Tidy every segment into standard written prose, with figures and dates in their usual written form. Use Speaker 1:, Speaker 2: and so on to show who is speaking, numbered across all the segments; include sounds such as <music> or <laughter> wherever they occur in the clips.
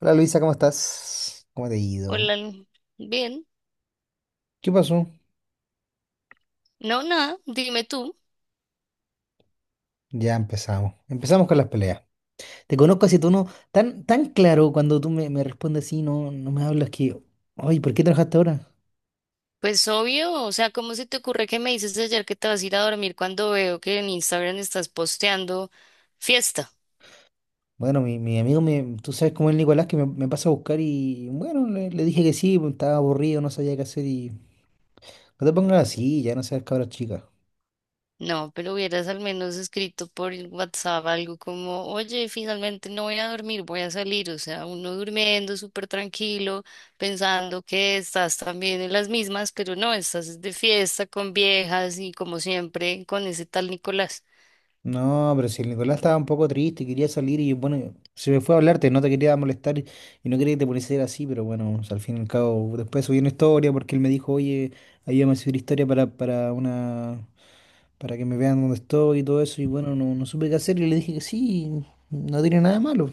Speaker 1: Hola Luisa, ¿cómo estás? ¿Cómo te ha ido?
Speaker 2: Hola, bien.
Speaker 1: ¿Qué pasó?
Speaker 2: No, nada, dime tú.
Speaker 1: Ya empezamos. Empezamos con las peleas. Te conozco así, tú no. Tan claro cuando tú me respondes así, no, no me hablas que. Ay, ¿por qué trabajaste ahora?
Speaker 2: Pues obvio, o sea, ¿cómo se te ocurre que me dices ayer que te vas a ir a dormir cuando veo que en Instagram estás posteando fiesta?
Speaker 1: Bueno, mi amigo, me, tú sabes cómo es Nicolás, que me pasa a buscar y bueno, le dije que sí, pues, estaba aburrido, no sabía qué hacer y. No te pongas así, ya no seas cabra chica.
Speaker 2: No, pero hubieras al menos escrito por el WhatsApp algo como, oye, finalmente no voy a dormir, voy a salir. O sea, uno durmiendo súper tranquilo, pensando que estás también en las mismas, pero no, estás de fiesta con viejas y como siempre con ese tal Nicolás.
Speaker 1: No, pero si el Nicolás estaba un poco triste, y quería salir y bueno, se me fue a hablarte, no te quería molestar y no quería que te pusieras así, pero bueno, o sea, al fin y al cabo, después subí una historia porque él me dijo, oye, ayúdame a subir historia para una, para que me vean dónde estoy y todo eso, y bueno, no, no supe qué hacer y le dije que sí, no tiene nada de malo.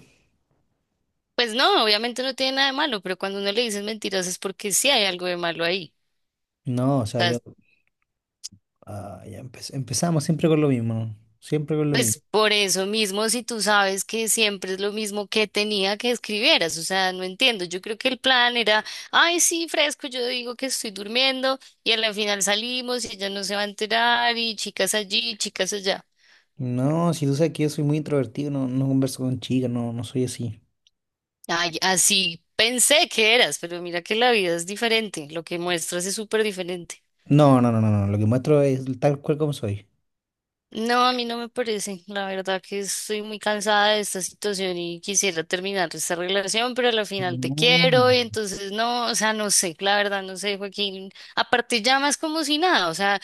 Speaker 2: Pues no, obviamente no tiene nada de malo, pero cuando uno le dices mentiras es porque sí hay algo de malo ahí.
Speaker 1: No, o
Speaker 2: O
Speaker 1: sea,
Speaker 2: sea,
Speaker 1: yo, ah, ya empezamos siempre con lo mismo, siempre con lo mismo.
Speaker 2: pues por eso mismo, si tú sabes que siempre es lo mismo que tenía que escribieras, o sea, no entiendo. Yo creo que el plan era, ay, sí, fresco, yo digo que estoy durmiendo y al final salimos y ella no se va a enterar y chicas allí, chicas allá.
Speaker 1: No, si tú sabes que yo soy muy introvertido, no, no converso con chicas, no, no soy así.
Speaker 2: Ay, así pensé que eras, pero mira que la vida es diferente, lo que muestras es súper diferente.
Speaker 1: No, no, no, no, no, lo que muestro es tal cual como soy.
Speaker 2: No, a mí no me parece. La verdad que estoy muy cansada de esta situación y quisiera terminar esta relación, pero a la final te
Speaker 1: No.
Speaker 2: quiero y entonces no, o sea, no sé, la verdad no sé, Joaquín. Aparte llamas como si nada, o sea,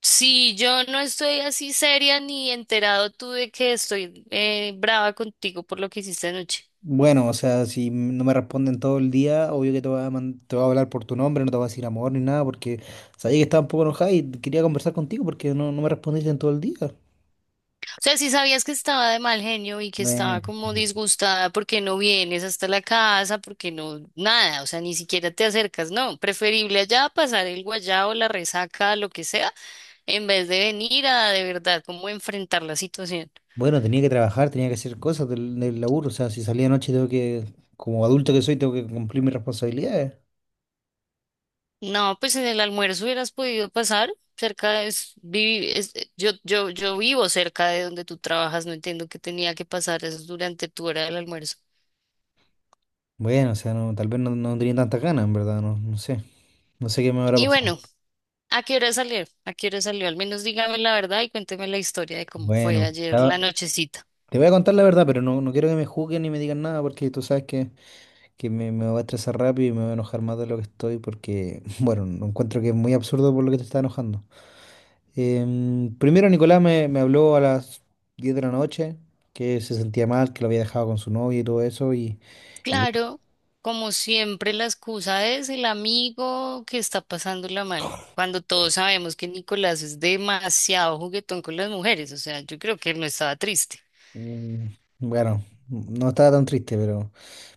Speaker 2: si yo no estoy así seria ni enterado tú de que estoy brava contigo por lo que hiciste anoche.
Speaker 1: Bueno, o sea, si no me responden todo el día, obvio que te voy a, te voy a hablar por tu nombre, no te voy a decir amor ni nada, porque sabía que estaba un poco enojada y quería conversar contigo porque no, no me respondiste en todo el día.
Speaker 2: O sea, si sabías que estaba de mal genio y que
Speaker 1: Bueno,
Speaker 2: estaba como
Speaker 1: sí.
Speaker 2: disgustada porque no vienes hasta la casa, porque no, nada, o sea, ni siquiera te acercas, no, preferible allá pasar el guayao, la resaca, lo que sea, en vez de venir a de verdad como enfrentar la situación.
Speaker 1: Bueno, tenía que trabajar, tenía que hacer cosas del laburo, o sea, si salía anoche tengo que, como adulto que soy, tengo que cumplir mis responsabilidades.
Speaker 2: No, pues en el almuerzo hubieras podido pasar cerca de, es, vivi- es- yo, yo, yo vivo cerca de donde tú trabajas, no entiendo que tenía que pasar eso durante tu hora del almuerzo.
Speaker 1: Bueno, o sea, no, tal vez no, no tenía tantas ganas, en verdad, no, no sé, no sé qué me habrá
Speaker 2: Y
Speaker 1: pasado.
Speaker 2: bueno. ¿A qué hora salió? ¿A qué hora salió? Al menos dígame la verdad y cuénteme la historia de cómo fue
Speaker 1: Bueno,
Speaker 2: ayer la nochecita.
Speaker 1: te voy a contar la verdad, pero no, no quiero que me juzguen ni me digan nada porque tú sabes que me va a estresar rápido y me va a enojar más de lo que estoy porque, <laughs> bueno, no encuentro que es muy absurdo por lo que te está enojando. Primero Nicolás me habló a las 10 de la noche que se sentía mal, que lo había dejado con su novia y todo eso y bueno,
Speaker 2: Claro, como siempre, la excusa es el amigo que está pasándola mal. Cuando todos sabemos que Nicolás es demasiado juguetón con las mujeres, o sea, yo creo que él no estaba triste.
Speaker 1: mm, bueno, no estaba tan triste, pero...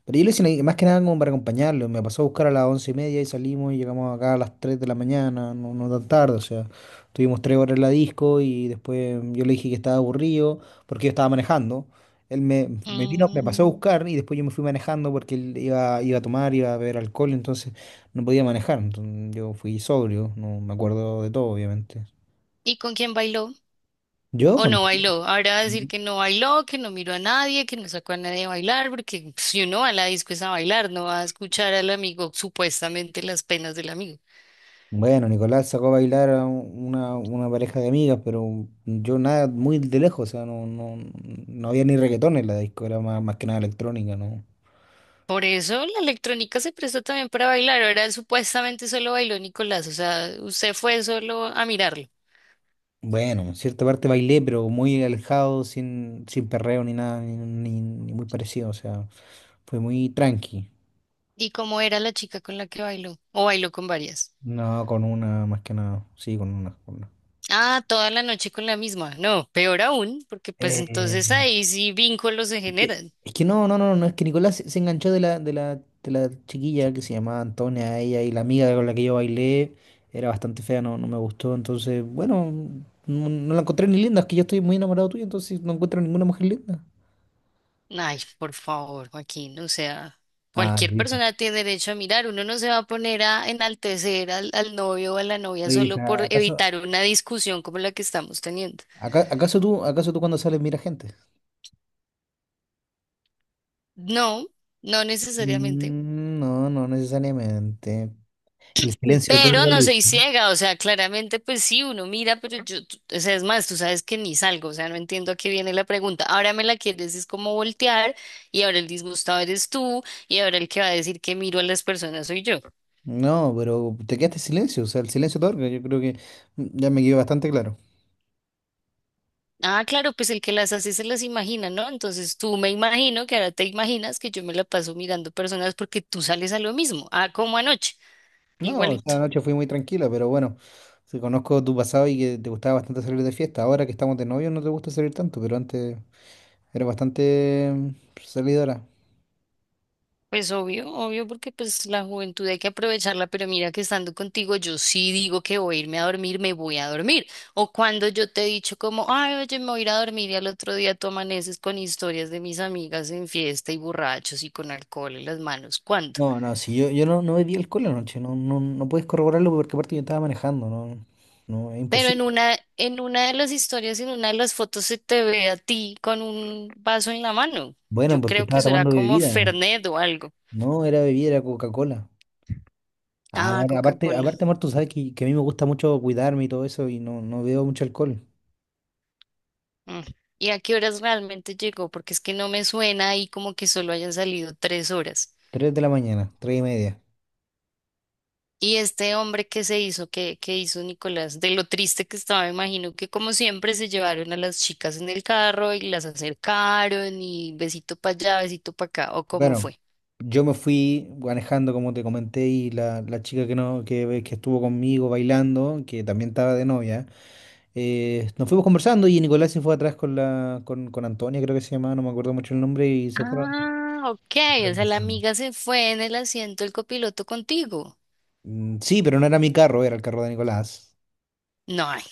Speaker 1: Pero yo lo hice más que nada como para acompañarlo. Me pasó a buscar a las 11:30 y salimos y llegamos acá a las 3 de la mañana, no, no tan tarde. O sea, tuvimos 3 horas en la disco y después yo le dije que estaba aburrido porque yo estaba manejando. Él me, me pasó a
Speaker 2: Mm.
Speaker 1: buscar y después yo me fui manejando porque él iba, iba a tomar, iba a beber alcohol, entonces no podía manejar. Entonces yo fui sobrio, no me acuerdo de todo, obviamente.
Speaker 2: ¿Y con quién bailó?
Speaker 1: Yo,
Speaker 2: ¿O
Speaker 1: bueno.
Speaker 2: no bailó? Ahora va a decir que no bailó, que no miró a nadie, que no sacó a nadie a bailar, porque pues, si uno va a la disco es a bailar, no va a escuchar al amigo, supuestamente las penas del amigo.
Speaker 1: Bueno, Nicolás sacó a bailar a una pareja de amigas, pero yo nada, muy de lejos, o sea, no, no, no había ni reggaetón en la disco, era más, más que nada electrónica, ¿no?
Speaker 2: Por eso la electrónica se prestó también para bailar. Ahora supuestamente solo bailó Nicolás, o sea, usted fue solo a mirarlo.
Speaker 1: Bueno, en cierta parte bailé, pero muy alejado, sin, sin perreo ni nada, ni, ni muy parecido, o sea, fue muy tranqui.
Speaker 2: ¿Y cómo era la chica con la que bailó? ¿O bailó con varias?
Speaker 1: No, con una, más que nada, sí, con una. Con una.
Speaker 2: Ah, toda la noche con la misma. No, peor aún, porque pues entonces
Speaker 1: Eh,
Speaker 2: ahí sí vínculos se
Speaker 1: Es que,
Speaker 2: generan.
Speaker 1: es que no, no, no, no, es que Nicolás se, se enganchó de la, de la, de la chiquilla que se llamaba Antonia, ella y la amiga con la que yo bailé era bastante fea, no, no me gustó, entonces, bueno, no, no la encontré ni linda, es que yo estoy muy enamorado tuyo, entonces no encuentro ninguna mujer linda.
Speaker 2: Ay, por favor, Joaquín, o sea,
Speaker 1: Ah,
Speaker 2: cualquier
Speaker 1: Luisa.
Speaker 2: persona tiene derecho a mirar. Uno no se va a poner a enaltecer al novio o a la novia solo
Speaker 1: Luisa,
Speaker 2: por
Speaker 1: ¿acaso,
Speaker 2: evitar una discusión como la que estamos teniendo.
Speaker 1: acaso tú cuando sales mira gente?
Speaker 2: No, no necesariamente.
Speaker 1: No, no necesariamente. El silencio
Speaker 2: Pero
Speaker 1: otorga,
Speaker 2: no
Speaker 1: Luisa.
Speaker 2: soy
Speaker 1: No,
Speaker 2: ciega, o sea, claramente pues sí, uno mira, pero yo, tú- o sea, es más, tú sabes que ni salgo, o sea, no entiendo a qué viene la pregunta. Ahora me la quieres es como voltear y ahora el disgustado eres tú y ahora el que va a decir que miro a las personas soy yo.
Speaker 1: no, pero te quedaste en silencio, o sea, el silencio otorga, yo creo que ya me quedó bastante claro.
Speaker 2: Ah, claro, pues el que las hace se las imagina, ¿no? Entonces tú me imagino que ahora te imaginas que yo me la paso mirando personas porque tú sales a lo mismo, ah, como anoche,
Speaker 1: No,
Speaker 2: igualito.
Speaker 1: esa noche fui muy tranquila, pero bueno, si conozco tu pasado y que te gustaba bastante salir de fiesta. Ahora que estamos de novio no te gusta salir tanto, pero antes era bastante salidora.
Speaker 2: Pues obvio, obvio, porque pues la juventud hay que aprovecharla, pero mira que estando contigo yo sí digo que voy a irme a dormir, me voy a dormir. O cuando yo te he dicho como, ay, oye, me voy a ir a dormir y al otro día tú amaneces con historias de mis amigas en fiesta y borrachos y con alcohol en las manos, ¿cuándo?
Speaker 1: No, no, si yo, yo no, no bebí alcohol anoche, no, no, no puedes corroborarlo porque aparte yo estaba manejando, no, no, es
Speaker 2: Pero en
Speaker 1: imposible.
Speaker 2: una, en una de las historias, en una de las fotos se te ve a ti con un vaso en la mano.
Speaker 1: Bueno,
Speaker 2: Yo
Speaker 1: porque
Speaker 2: creo que
Speaker 1: estaba
Speaker 2: será
Speaker 1: tomando
Speaker 2: como
Speaker 1: bebida,
Speaker 2: Fernet o algo.
Speaker 1: no era bebida, era Coca-Cola. Ah,
Speaker 2: Ah,
Speaker 1: amor, aparte,
Speaker 2: Coca-Cola.
Speaker 1: aparte, amor, tú sabes que a mí me gusta mucho cuidarme y todo eso y no, no bebo mucho alcohol.
Speaker 2: Mm. ¿Y a qué horas realmente llegó? Porque es que no me suena ahí como que solo hayan salido 3 horas.
Speaker 1: 3 de la mañana, 3:30.
Speaker 2: Y este hombre que se hizo, que hizo Nicolás, de lo triste que estaba, me imagino que como siempre se llevaron a las chicas en el carro y las acercaron y besito para allá, besito para acá, ¿o cómo
Speaker 1: Bueno,
Speaker 2: fue?
Speaker 1: yo me fui manejando, como te comenté, y la chica que no, que estuvo conmigo bailando, que también estaba de novia, nos fuimos conversando y Nicolás se fue atrás con la, con Antonia, creo que se llamaba, no me acuerdo mucho el nombre, y
Speaker 2: Ah, ok,
Speaker 1: se
Speaker 2: o
Speaker 1: fueron
Speaker 2: sea, la
Speaker 1: besando.
Speaker 2: amiga se fue en el asiento del copiloto contigo.
Speaker 1: Mm, sí, pero no era mi carro, era el carro de Nicolás.
Speaker 2: No, ay,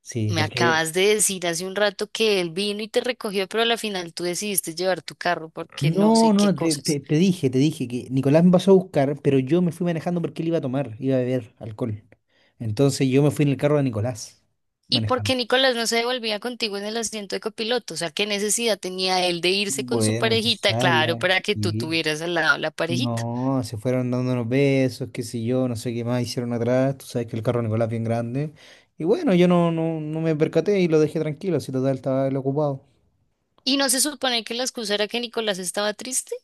Speaker 1: Sí,
Speaker 2: me
Speaker 1: porque.
Speaker 2: acabas de decir hace un rato que él vino y te recogió, pero a la final tú decidiste llevar tu carro porque no
Speaker 1: No,
Speaker 2: sé qué
Speaker 1: no, te,
Speaker 2: cosas.
Speaker 1: te dije que Nicolás me pasó a buscar, pero yo me fui manejando porque él iba a tomar, iba a beber alcohol. Entonces yo me fui en el carro de Nicolás
Speaker 2: ¿Y por
Speaker 1: manejando.
Speaker 2: qué Nicolás no se devolvía contigo en el asiento de copiloto? O sea, ¿qué necesidad tenía él de irse con su
Speaker 1: Bueno,
Speaker 2: parejita? Claro,
Speaker 1: ojalá,
Speaker 2: para que tú
Speaker 1: sí.
Speaker 2: tuvieras al lado la parejita.
Speaker 1: No, se fueron dando unos besos, qué sé yo, no sé qué más hicieron atrás. Tú sabes que el carro de Nicolás es bien grande. Y bueno, yo no, no, no me percaté y lo dejé tranquilo, si total estaba él ocupado.
Speaker 2: ¿Y no se supone que la excusa era que Nicolás estaba triste?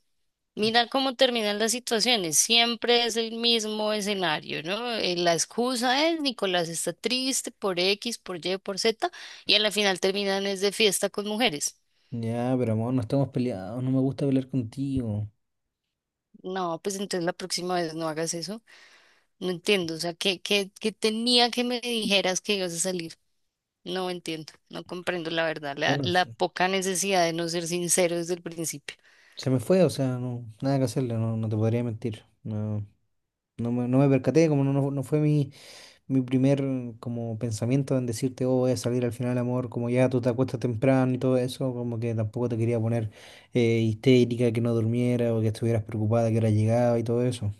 Speaker 2: Mira cómo terminan las situaciones. Siempre es el mismo escenario, ¿no? La excusa es Nicolás está triste por X, por Y, por Z, y a la final terminan es de fiesta con mujeres.
Speaker 1: Ya, pero amor, no estamos peleados, no me gusta pelear contigo.
Speaker 2: No, pues entonces la próxima vez no hagas eso. No entiendo, o sea, ¿qué tenía que me dijeras que ibas a salir? No entiendo, no comprendo la verdad, la,
Speaker 1: Bueno,
Speaker 2: la
Speaker 1: se,
Speaker 2: poca necesidad de no ser sincero desde el principio.
Speaker 1: se me fue, o sea, no, nada que hacerle, no, no te podría mentir. No, no me, no me percaté, como no, no no fue mi, mi primer como pensamiento en decirte, oh, voy a salir al final, amor, como ya tú te acuestas temprano y todo eso, como que tampoco te quería poner histérica, que no durmiera o que estuvieras preocupada que ahora llegaba y todo eso.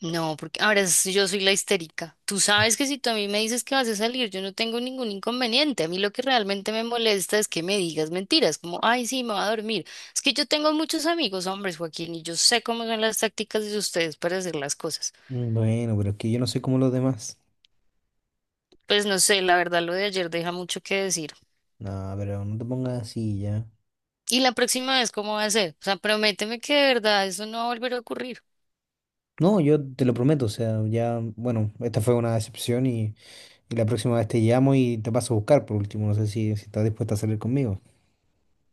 Speaker 2: No, porque ahora es yo soy la histérica. Tú sabes que si tú a mí me dices que vas a salir, yo no tengo ningún inconveniente. A mí lo que realmente me molesta es que me digas mentiras, como, ay, sí, me va a dormir. Es que yo tengo muchos amigos hombres, Joaquín, y yo sé cómo son las tácticas de ustedes para hacer las cosas.
Speaker 1: Mm, bueno, pero es que yo no soy como los demás.
Speaker 2: Pues no sé, la verdad, lo de ayer deja mucho que decir.
Speaker 1: No, pero no te pongas así ya.
Speaker 2: Y la próxima vez, ¿cómo va a ser? O sea, prométeme que de verdad eso no va a volver a ocurrir.
Speaker 1: No, yo te lo prometo, o sea, ya, bueno, esta fue una decepción y la próxima vez te llamo y te paso a buscar por último, no sé si, si estás dispuesta a salir conmigo.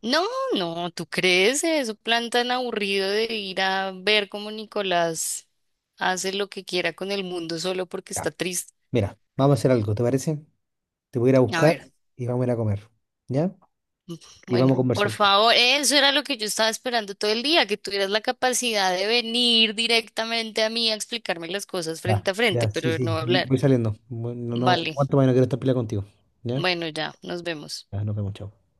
Speaker 2: No, no, ¿tú crees eso? Plan tan aburrido de ir a ver cómo Nicolás hace lo que quiera con el mundo solo porque
Speaker 1: Ya.
Speaker 2: está triste.
Speaker 1: Mira, vamos a hacer algo, ¿te parece? Te voy a ir a
Speaker 2: A
Speaker 1: buscar
Speaker 2: ver,
Speaker 1: y vamos a ir a comer. ¿Ya?
Speaker 2: mm,
Speaker 1: Y vamos
Speaker 2: bueno,
Speaker 1: a
Speaker 2: por
Speaker 1: conversar.
Speaker 2: favor, eso era lo que yo estaba esperando todo el día, que tuvieras la capacidad de venir directamente a mí a explicarme las cosas frente
Speaker 1: Ya,
Speaker 2: a frente,
Speaker 1: ya, sí,
Speaker 2: pero no
Speaker 1: sí,
Speaker 2: hablar.
Speaker 1: voy saliendo. Bueno, no,
Speaker 2: Vale,
Speaker 1: cuánto más no quiero estar peleando contigo. Ya,
Speaker 2: bueno, ya, nos vemos.
Speaker 1: ya, nos vemos, chao.